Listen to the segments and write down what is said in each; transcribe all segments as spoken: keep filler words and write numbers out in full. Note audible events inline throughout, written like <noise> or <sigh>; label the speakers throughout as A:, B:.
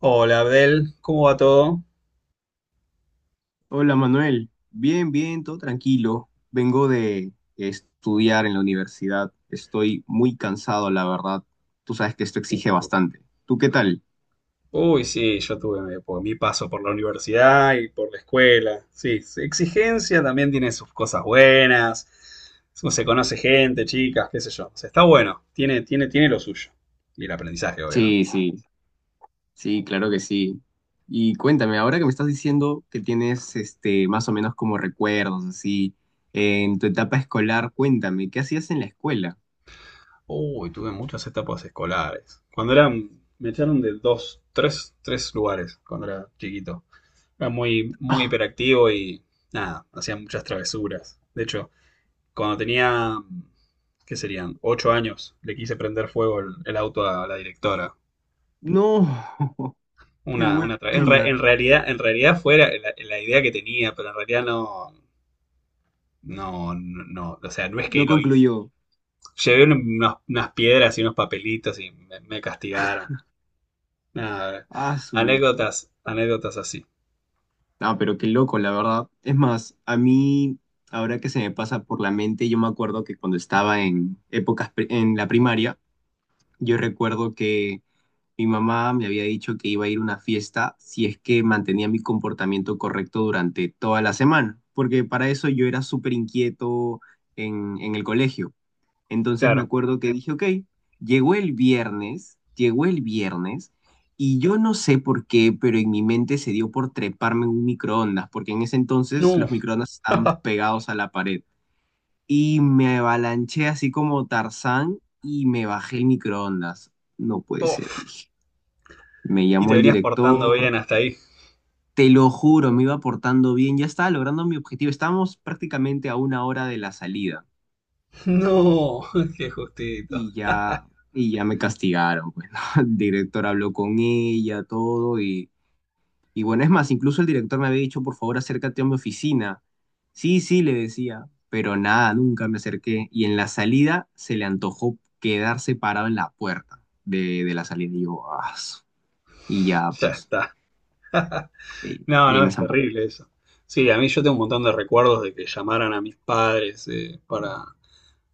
A: Hola Abdel, ¿cómo va todo?
B: Hola Manuel, bien, bien, todo tranquilo. Vengo de estudiar en la universidad. Estoy muy cansado, la verdad. Tú sabes que esto exige bastante. ¿Tú qué tal?
A: Uy, sí, yo tuve mi, por- mi paso por la universidad y por la escuela. Sí, sí, exigencia también tiene sus cosas buenas. Se se conoce gente, chicas, qué sé yo. O sea, está bueno, tiene, tiene, tiene lo suyo. Y el aprendizaje, obvio, ¿no?
B: Sí, sí, sí, claro que sí. Y cuéntame, ahora que me estás diciendo que tienes este más o menos como recuerdos así en tu etapa escolar, cuéntame, ¿qué hacías en la escuela?
A: Uy, tuve muchas etapas escolares. Cuando era, me echaron de dos, tres, tres lugares cuando era chiquito. Era muy, muy
B: Ah,
A: hiperactivo y nada, hacía muchas travesuras. De hecho, cuando tenía, ¿qué serían? Ocho años, le quise prender fuego el, el auto a la directora.
B: no. <laughs> Qué
A: Una, una tra- en, re-
B: buena.
A: En realidad, en realidad fue la, la- la idea que tenía, pero en realidad no, no, no, no, o sea, no es que
B: No
A: lo hice.
B: concluyó.
A: Llevé un- unos- unas piedras y unos papelitos y me, me castigaron. Nada,
B: Ah,
A: anécdotas, anécdotas así.
B: ah, pero qué loco, la verdad. Es más, a mí, ahora que se me pasa por la mente, yo me acuerdo que cuando estaba en épocas pri- en la primaria, yo recuerdo que mi mamá me había dicho que iba a ir a una fiesta si es que mantenía mi comportamiento correcto durante toda la semana, porque para eso yo era súper inquieto en, en el colegio. Entonces me
A: Claro.
B: acuerdo que dije, ok, llegó el viernes, llegó el viernes, y yo no sé por qué, pero en mi mente se dio por treparme en un microondas, porque en ese entonces
A: No,
B: los microondas
A: <laughs>
B: estaban pegados a la pared. Y me avalanché así como Tarzán y me bajé el microondas. No puede ser,
A: oh,
B: dije. Me
A: y te
B: llamó el
A: venías portando
B: director.
A: bien hasta ahí.
B: Te lo juro, me iba portando bien, ya estaba logrando mi objetivo. Estábamos prácticamente a una hora de la salida.
A: No, <laughs> qué justito.
B: Y ya, y ya me castigaron, pues, ¿no? <laughs> El director habló con ella, todo, y, y bueno, es más, incluso el director me había dicho, por favor, acércate a mi oficina. Sí, sí, le decía, pero nada, nunca me acerqué. Y en la salida se le antojó quedarse parado en la puerta de, de la salida. Y yo, "Ah, su", y ya,
A: Ya
B: pues,
A: está.
B: y,
A: No,
B: y ahí
A: no,
B: me
A: es
B: zampó.
A: terrible eso. Sí, a mí yo tengo un montón de recuerdos de que llamaran a mis padres eh, para,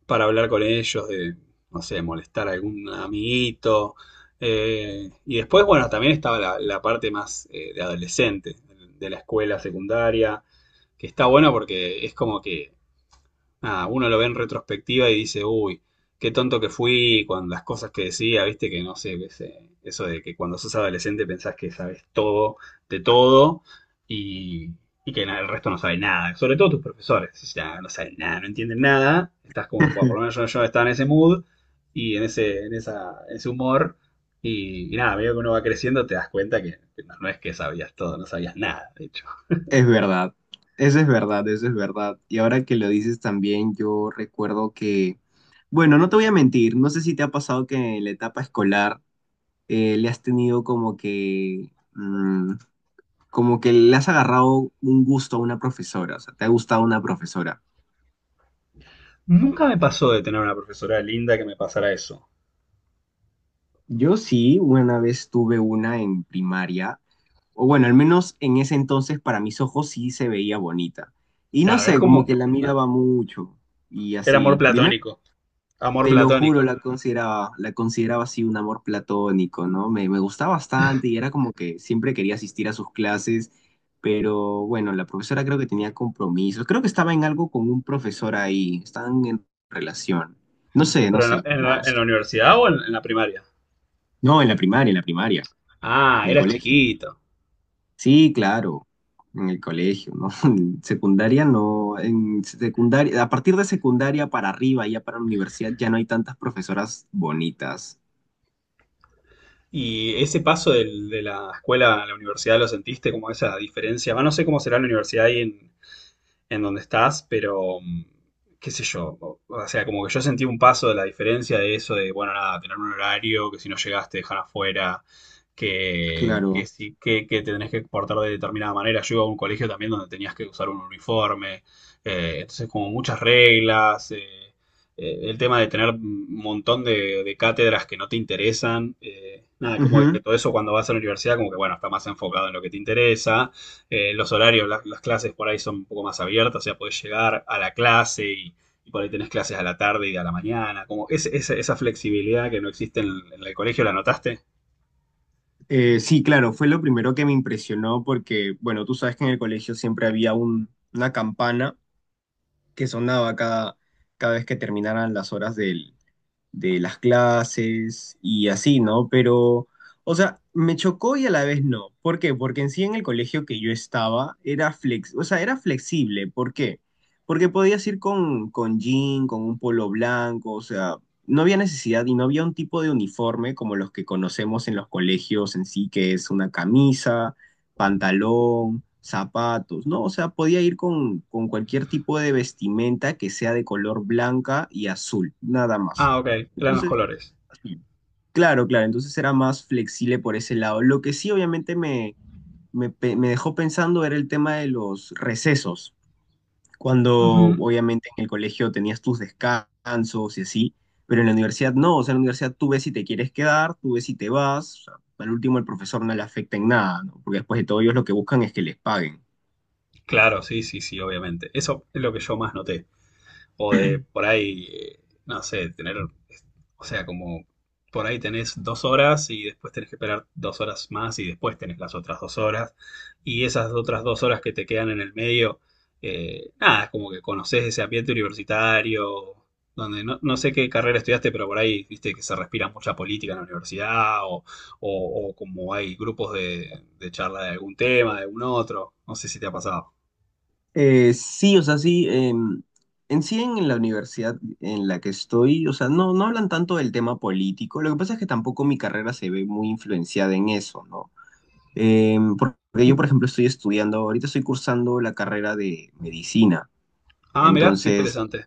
A: para hablar con ellos, de, no sé, molestar a algún amiguito. Eh, y después, bueno, también estaba la, la parte más eh, de adolescente, de la escuela secundaria, que está bueno porque es como que nada, uno lo ve en retrospectiva y dice, uy, qué tonto que fui con las cosas que decía, viste que no sé, ese- eso de que cuando sos adolescente pensás que sabes todo de todo y, y que na- el resto no sabe nada, sobre todo tus profesores, ya no saben nada, no entienden nada, estás como, bueno, por
B: <laughs>
A: lo menos yo, yo estaba en ese mood y en ese, en esa, ese humor. Y, y nada, a medida que uno va creciendo te das cuenta que, que no, no es que sabías todo, no sabías nada, de hecho.
B: Es verdad, eso es verdad, eso es verdad. Y ahora que lo dices también, yo recuerdo que, bueno, no te voy a mentir, no sé si te ha pasado que en la etapa escolar eh, le has tenido como que, mm, como que le has agarrado un gusto a una profesora, o sea, te ha gustado una profesora.
A: Nunca me pasó de tener una profesora linda que me pasara eso.
B: Yo sí, una vez tuve una en primaria, o bueno, al menos en ese entonces para mis ojos sí se veía bonita. Y no
A: Claro, era
B: sé,
A: como.
B: como que la miraba mucho y
A: Era amor
B: así. Dime.
A: platónico. Amor
B: Te lo juro,
A: platónico.
B: la consideraba, la consideraba así un amor platónico, ¿no? Me, me gustaba bastante y era como que siempre quería asistir a sus clases, pero bueno, la profesora creo que tenía compromisos, creo que estaba en algo con un profesor ahí, estaban en relación. No sé, no
A: Pero en la,
B: sé,
A: en
B: no,
A: la-
B: no sé.
A: en la universidad o en, en la primaria.
B: No, en la primaria, en la primaria,
A: Ah,
B: en el
A: eras
B: colegio.
A: chiquito.
B: Sí, claro, en el colegio, ¿no? <laughs> En secundaria no, en secundaria, a partir de secundaria para arriba, ya para la universidad, ya no hay tantas profesoras bonitas.
A: Y ese paso del- de la escuela a la universidad lo sentiste como esa diferencia. Va, no sé cómo será la universidad ahí en, en donde estás, pero mm, qué sé yo, o, o sea, como que yo sentí un paso de la diferencia de eso de, bueno, nada, tener un horario, que si no llegaste te dejan afuera, que, que
B: Claro.
A: sí, que, que te tenés que portar de determinada manera. Yo iba a un colegio también donde tenías que usar un uniforme, eh, entonces como muchas reglas, eh, eh, el tema de tener un montón de, de cátedras que no te interesan, eh, nada, como que
B: Ujú.
A: todo eso cuando vas a la universidad, como que bueno, está más enfocado en lo que te interesa eh, los horarios, la- las clases por ahí son un poco más abiertas, o sea, podés llegar a la clase y, y por ahí tenés clases a la tarde y a la mañana. Como ese- ese- esa flexibilidad que no existe en, el- en el colegio, ¿la notaste?
B: Eh, sí, claro, fue lo primero que me impresionó porque, bueno, tú sabes que en el colegio siempre había un- una campana que sonaba cada, cada vez que terminaran las horas del, de las clases y así, ¿no? Pero, o sea, me chocó y a la vez no. ¿Por qué? Porque en sí en el colegio que yo estaba era flex, o sea, era flexible. ¿Por qué? Porque podías ir con, con, jean, con un polo blanco, o sea, no había necesidad y no había un tipo de uniforme como los que conocemos en los colegios en sí, que es una camisa, pantalón, zapatos, ¿no? O sea, podía ir con, con cualquier tipo de vestimenta que sea de color blanca y azul, nada más.
A: Ah, ok, eran los
B: Entonces,
A: colores.
B: así. Claro, claro, entonces era más flexible por ese lado. Lo que sí obviamente me, me, pe- me dejó pensando era el tema de los recesos, cuando
A: Ujú.
B: obviamente en el colegio tenías tus descansos y así, pero en la universidad no, o sea, en la universidad tú ves si te quieres quedar, tú ves si te vas, o sea, al último el profesor no le afecta en nada, ¿no? Porque después de todo ellos lo que buscan es que les paguen.
A: Claro, sí, sí, sí, obviamente. Eso es lo que yo más noté. O de por ahí, eh, no sé, tener. O sea, como por ahí tenés dos horas y después tenés que esperar dos horas más y después tenés las otras dos horas. Y esas otras dos horas que te quedan en el medio, eh, nada, es como que conoces ese ambiente universitario, donde no, no sé qué carrera estudiaste, pero por ahí viste que se respira mucha política en la universidad o, o- o como hay grupos de, de charla de algún tema, de algún otro. No sé si te ha pasado.
B: Eh, sí, o sea, sí. Em, en sí, en la universidad en la que estoy, o sea, no, no hablan tanto del tema político. Lo que pasa es que tampoco mi carrera se ve muy influenciada en eso, ¿no? Em, porque yo, por ejemplo, estoy estudiando, ahorita estoy cursando la carrera de medicina.
A: Ah, mirá, qué
B: Entonces,
A: interesante.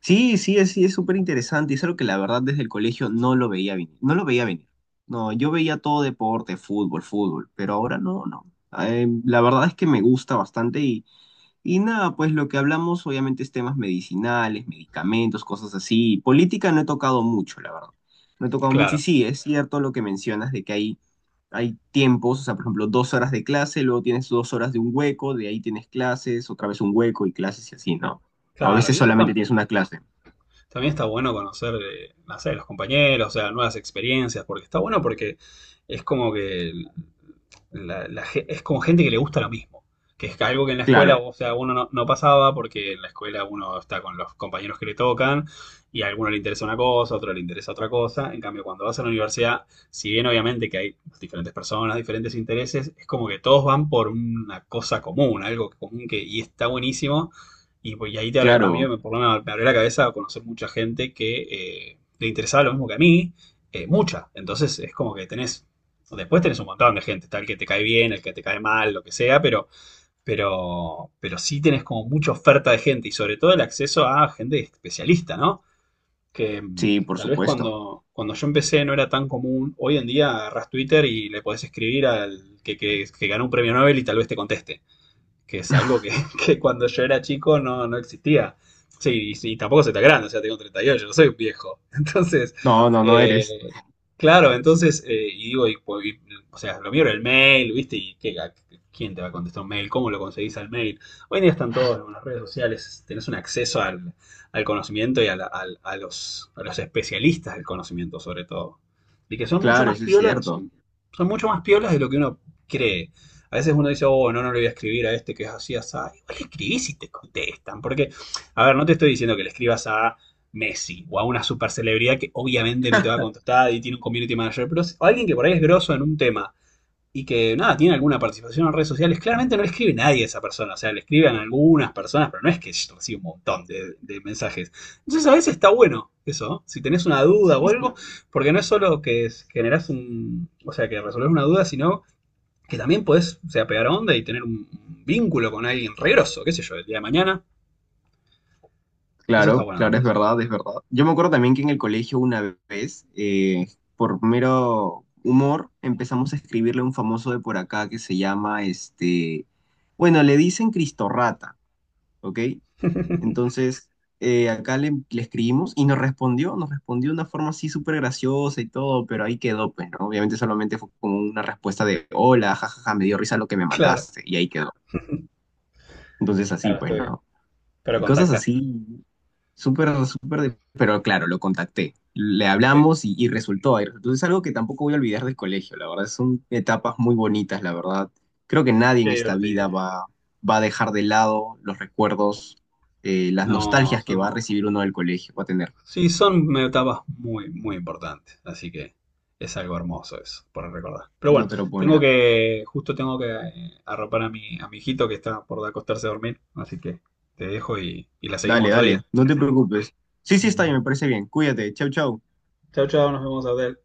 B: sí, sí, es, sí, es súper interesante y es algo que la verdad desde el colegio no lo veía venir. No lo veía venir. No, yo veía todo deporte, fútbol, fútbol, pero ahora no, no. Em, la verdad es que me gusta bastante y... Y nada, pues lo que hablamos obviamente es temas medicinales, medicamentos, cosas así. Política no he tocado mucho, la verdad. No he tocado mucho y
A: Claro,
B: sí, es cierto lo que mencionas de que hay, hay tiempos, o sea, por ejemplo, dos horas de clase, luego tienes dos horas de un hueco, de ahí tienes clases, otra vez un hueco y clases y así, ¿no? O a
A: claro.
B: veces
A: Y eso
B: solamente
A: está.
B: tienes una clase.
A: También está bueno conocer, eh, no sé, los compañeros, o sea, nuevas experiencias, porque está bueno porque es como que la- la ge- es como gente que le gusta lo mismo, que es algo que en la escuela,
B: Claro,
A: o sea, uno no, no pasaba porque en la escuela uno está con los compañeros que le tocan y a alguno le interesa una cosa, a otro le interesa otra cosa. En cambio, cuando vas a la universidad, si bien obviamente que hay diferentes personas, diferentes intereses, es como que todos van por una cosa común, algo común que y está buenísimo y, pues, y ahí te abre- a mí
B: claro,
A: me, por lo menos me abrió la cabeza a conocer mucha gente que eh, le interesaba lo mismo que a mí, eh, mucha. Entonces es como que tenés, después tenés un montón de gente, tal que te cae bien, el que te cae mal, lo que sea, pero, pero, pero sí tenés como mucha oferta de gente y sobre todo el acceso a gente especialista, ¿no? Que mm,
B: sí, por
A: tal vez
B: supuesto.
A: cuando, cuando yo empecé no era tan común. Hoy en día agarrás Twitter y le podés escribir al que, que, que ganó un premio Nobel y tal vez te conteste, que es algo que, <laughs> que cuando yo era chico no, no existía. Sí, y, y tampoco se está grande, o sea, tengo treinta y ocho, no soy un viejo. <laughs> Entonces,
B: No, no, no eres.
A: eh, claro, entonces, eh, y digo, y, pues, y, o sea, lo mío era el mail, ¿viste? ¿Y qué, a- quién te va a contestar un mail? ¿Cómo lo conseguís al mail? Hoy en día están todos en las redes sociales, tenés un acceso al, al conocimiento y a, la- al- a los, a los especialistas del conocimiento, sobre todo. Y que son mucho
B: Claro,
A: más
B: eso es
A: piolas,
B: cierto.
A: son, son mucho más piolas de lo que uno cree. A veces uno dice, oh, no, no le voy a escribir a este que es así, así. Igual le escribís y te contestan. Porque, a ver, no te estoy diciendo que le escribas a Messi o a una super celebridad que obviamente no te va a contestar y tiene un community manager, pero a alguien que por ahí es grosso en un tema y que nada, tiene alguna participación en redes sociales, claramente no le escribe nadie a esa persona, o sea, le escriben algunas personas, pero no es que recibe un montón de, de mensajes. Entonces a veces está bueno eso, ¿no? Si tenés una
B: Sí,
A: duda o algo,
B: sí.
A: porque no es solo que generás un, o sea, que resolvés una duda, sino que también podés, o sea, pegar onda y tener un vínculo con alguien regroso, qué sé yo, el día de mañana. Eso está
B: Claro,
A: bueno
B: claro, es
A: también. <laughs>
B: verdad, es verdad. Yo me acuerdo también que en el colegio una vez, eh, por mero humor, empezamos a escribirle a un famoso de por acá que se llama, este, bueno, le dicen Cristo Rata, ¿ok? Entonces, eh, acá le, le escribimos y nos respondió, nos respondió de una forma así súper graciosa y todo, pero ahí quedó, pues, ¿no? Obviamente solamente fue como una respuesta de, hola, jajaja, me dio risa lo que me
A: Claro,
B: mandaste, y ahí quedó. Entonces así,
A: claro,
B: pues,
A: estoy bien.
B: ¿no?
A: Pero
B: Y cosas
A: contactaste.
B: así. Súper, súper, de- pero claro, lo contacté. Le
A: Qué,
B: hablamos y, y resultó ahí. Entonces es algo que tampoco voy a olvidar del colegio, la verdad. Son etapas muy bonitas, la verdad. Creo que nadie
A: qué
B: en esta vida
A: divertido.
B: va, va a dejar de lado los recuerdos, eh, las
A: No,
B: nostalgias que va
A: son,
B: a recibir uno del colegio, va a tener.
A: sí, son etapas muy, muy importantes. Así que es algo hermoso eso, por recordar. Pero
B: No
A: bueno,
B: te lo
A: tengo
B: pone.
A: que, justo tengo que eh, arropar a mi, a mi hijito que está por acostarse a dormir. Así que te dejo y, y la seguimos
B: Dale,
A: otro
B: dale,
A: día.
B: no te preocupes. Sí, sí, está bien, me parece bien. Cuídate. Chau, chau.
A: Chao, chao, nos vemos, Abdel.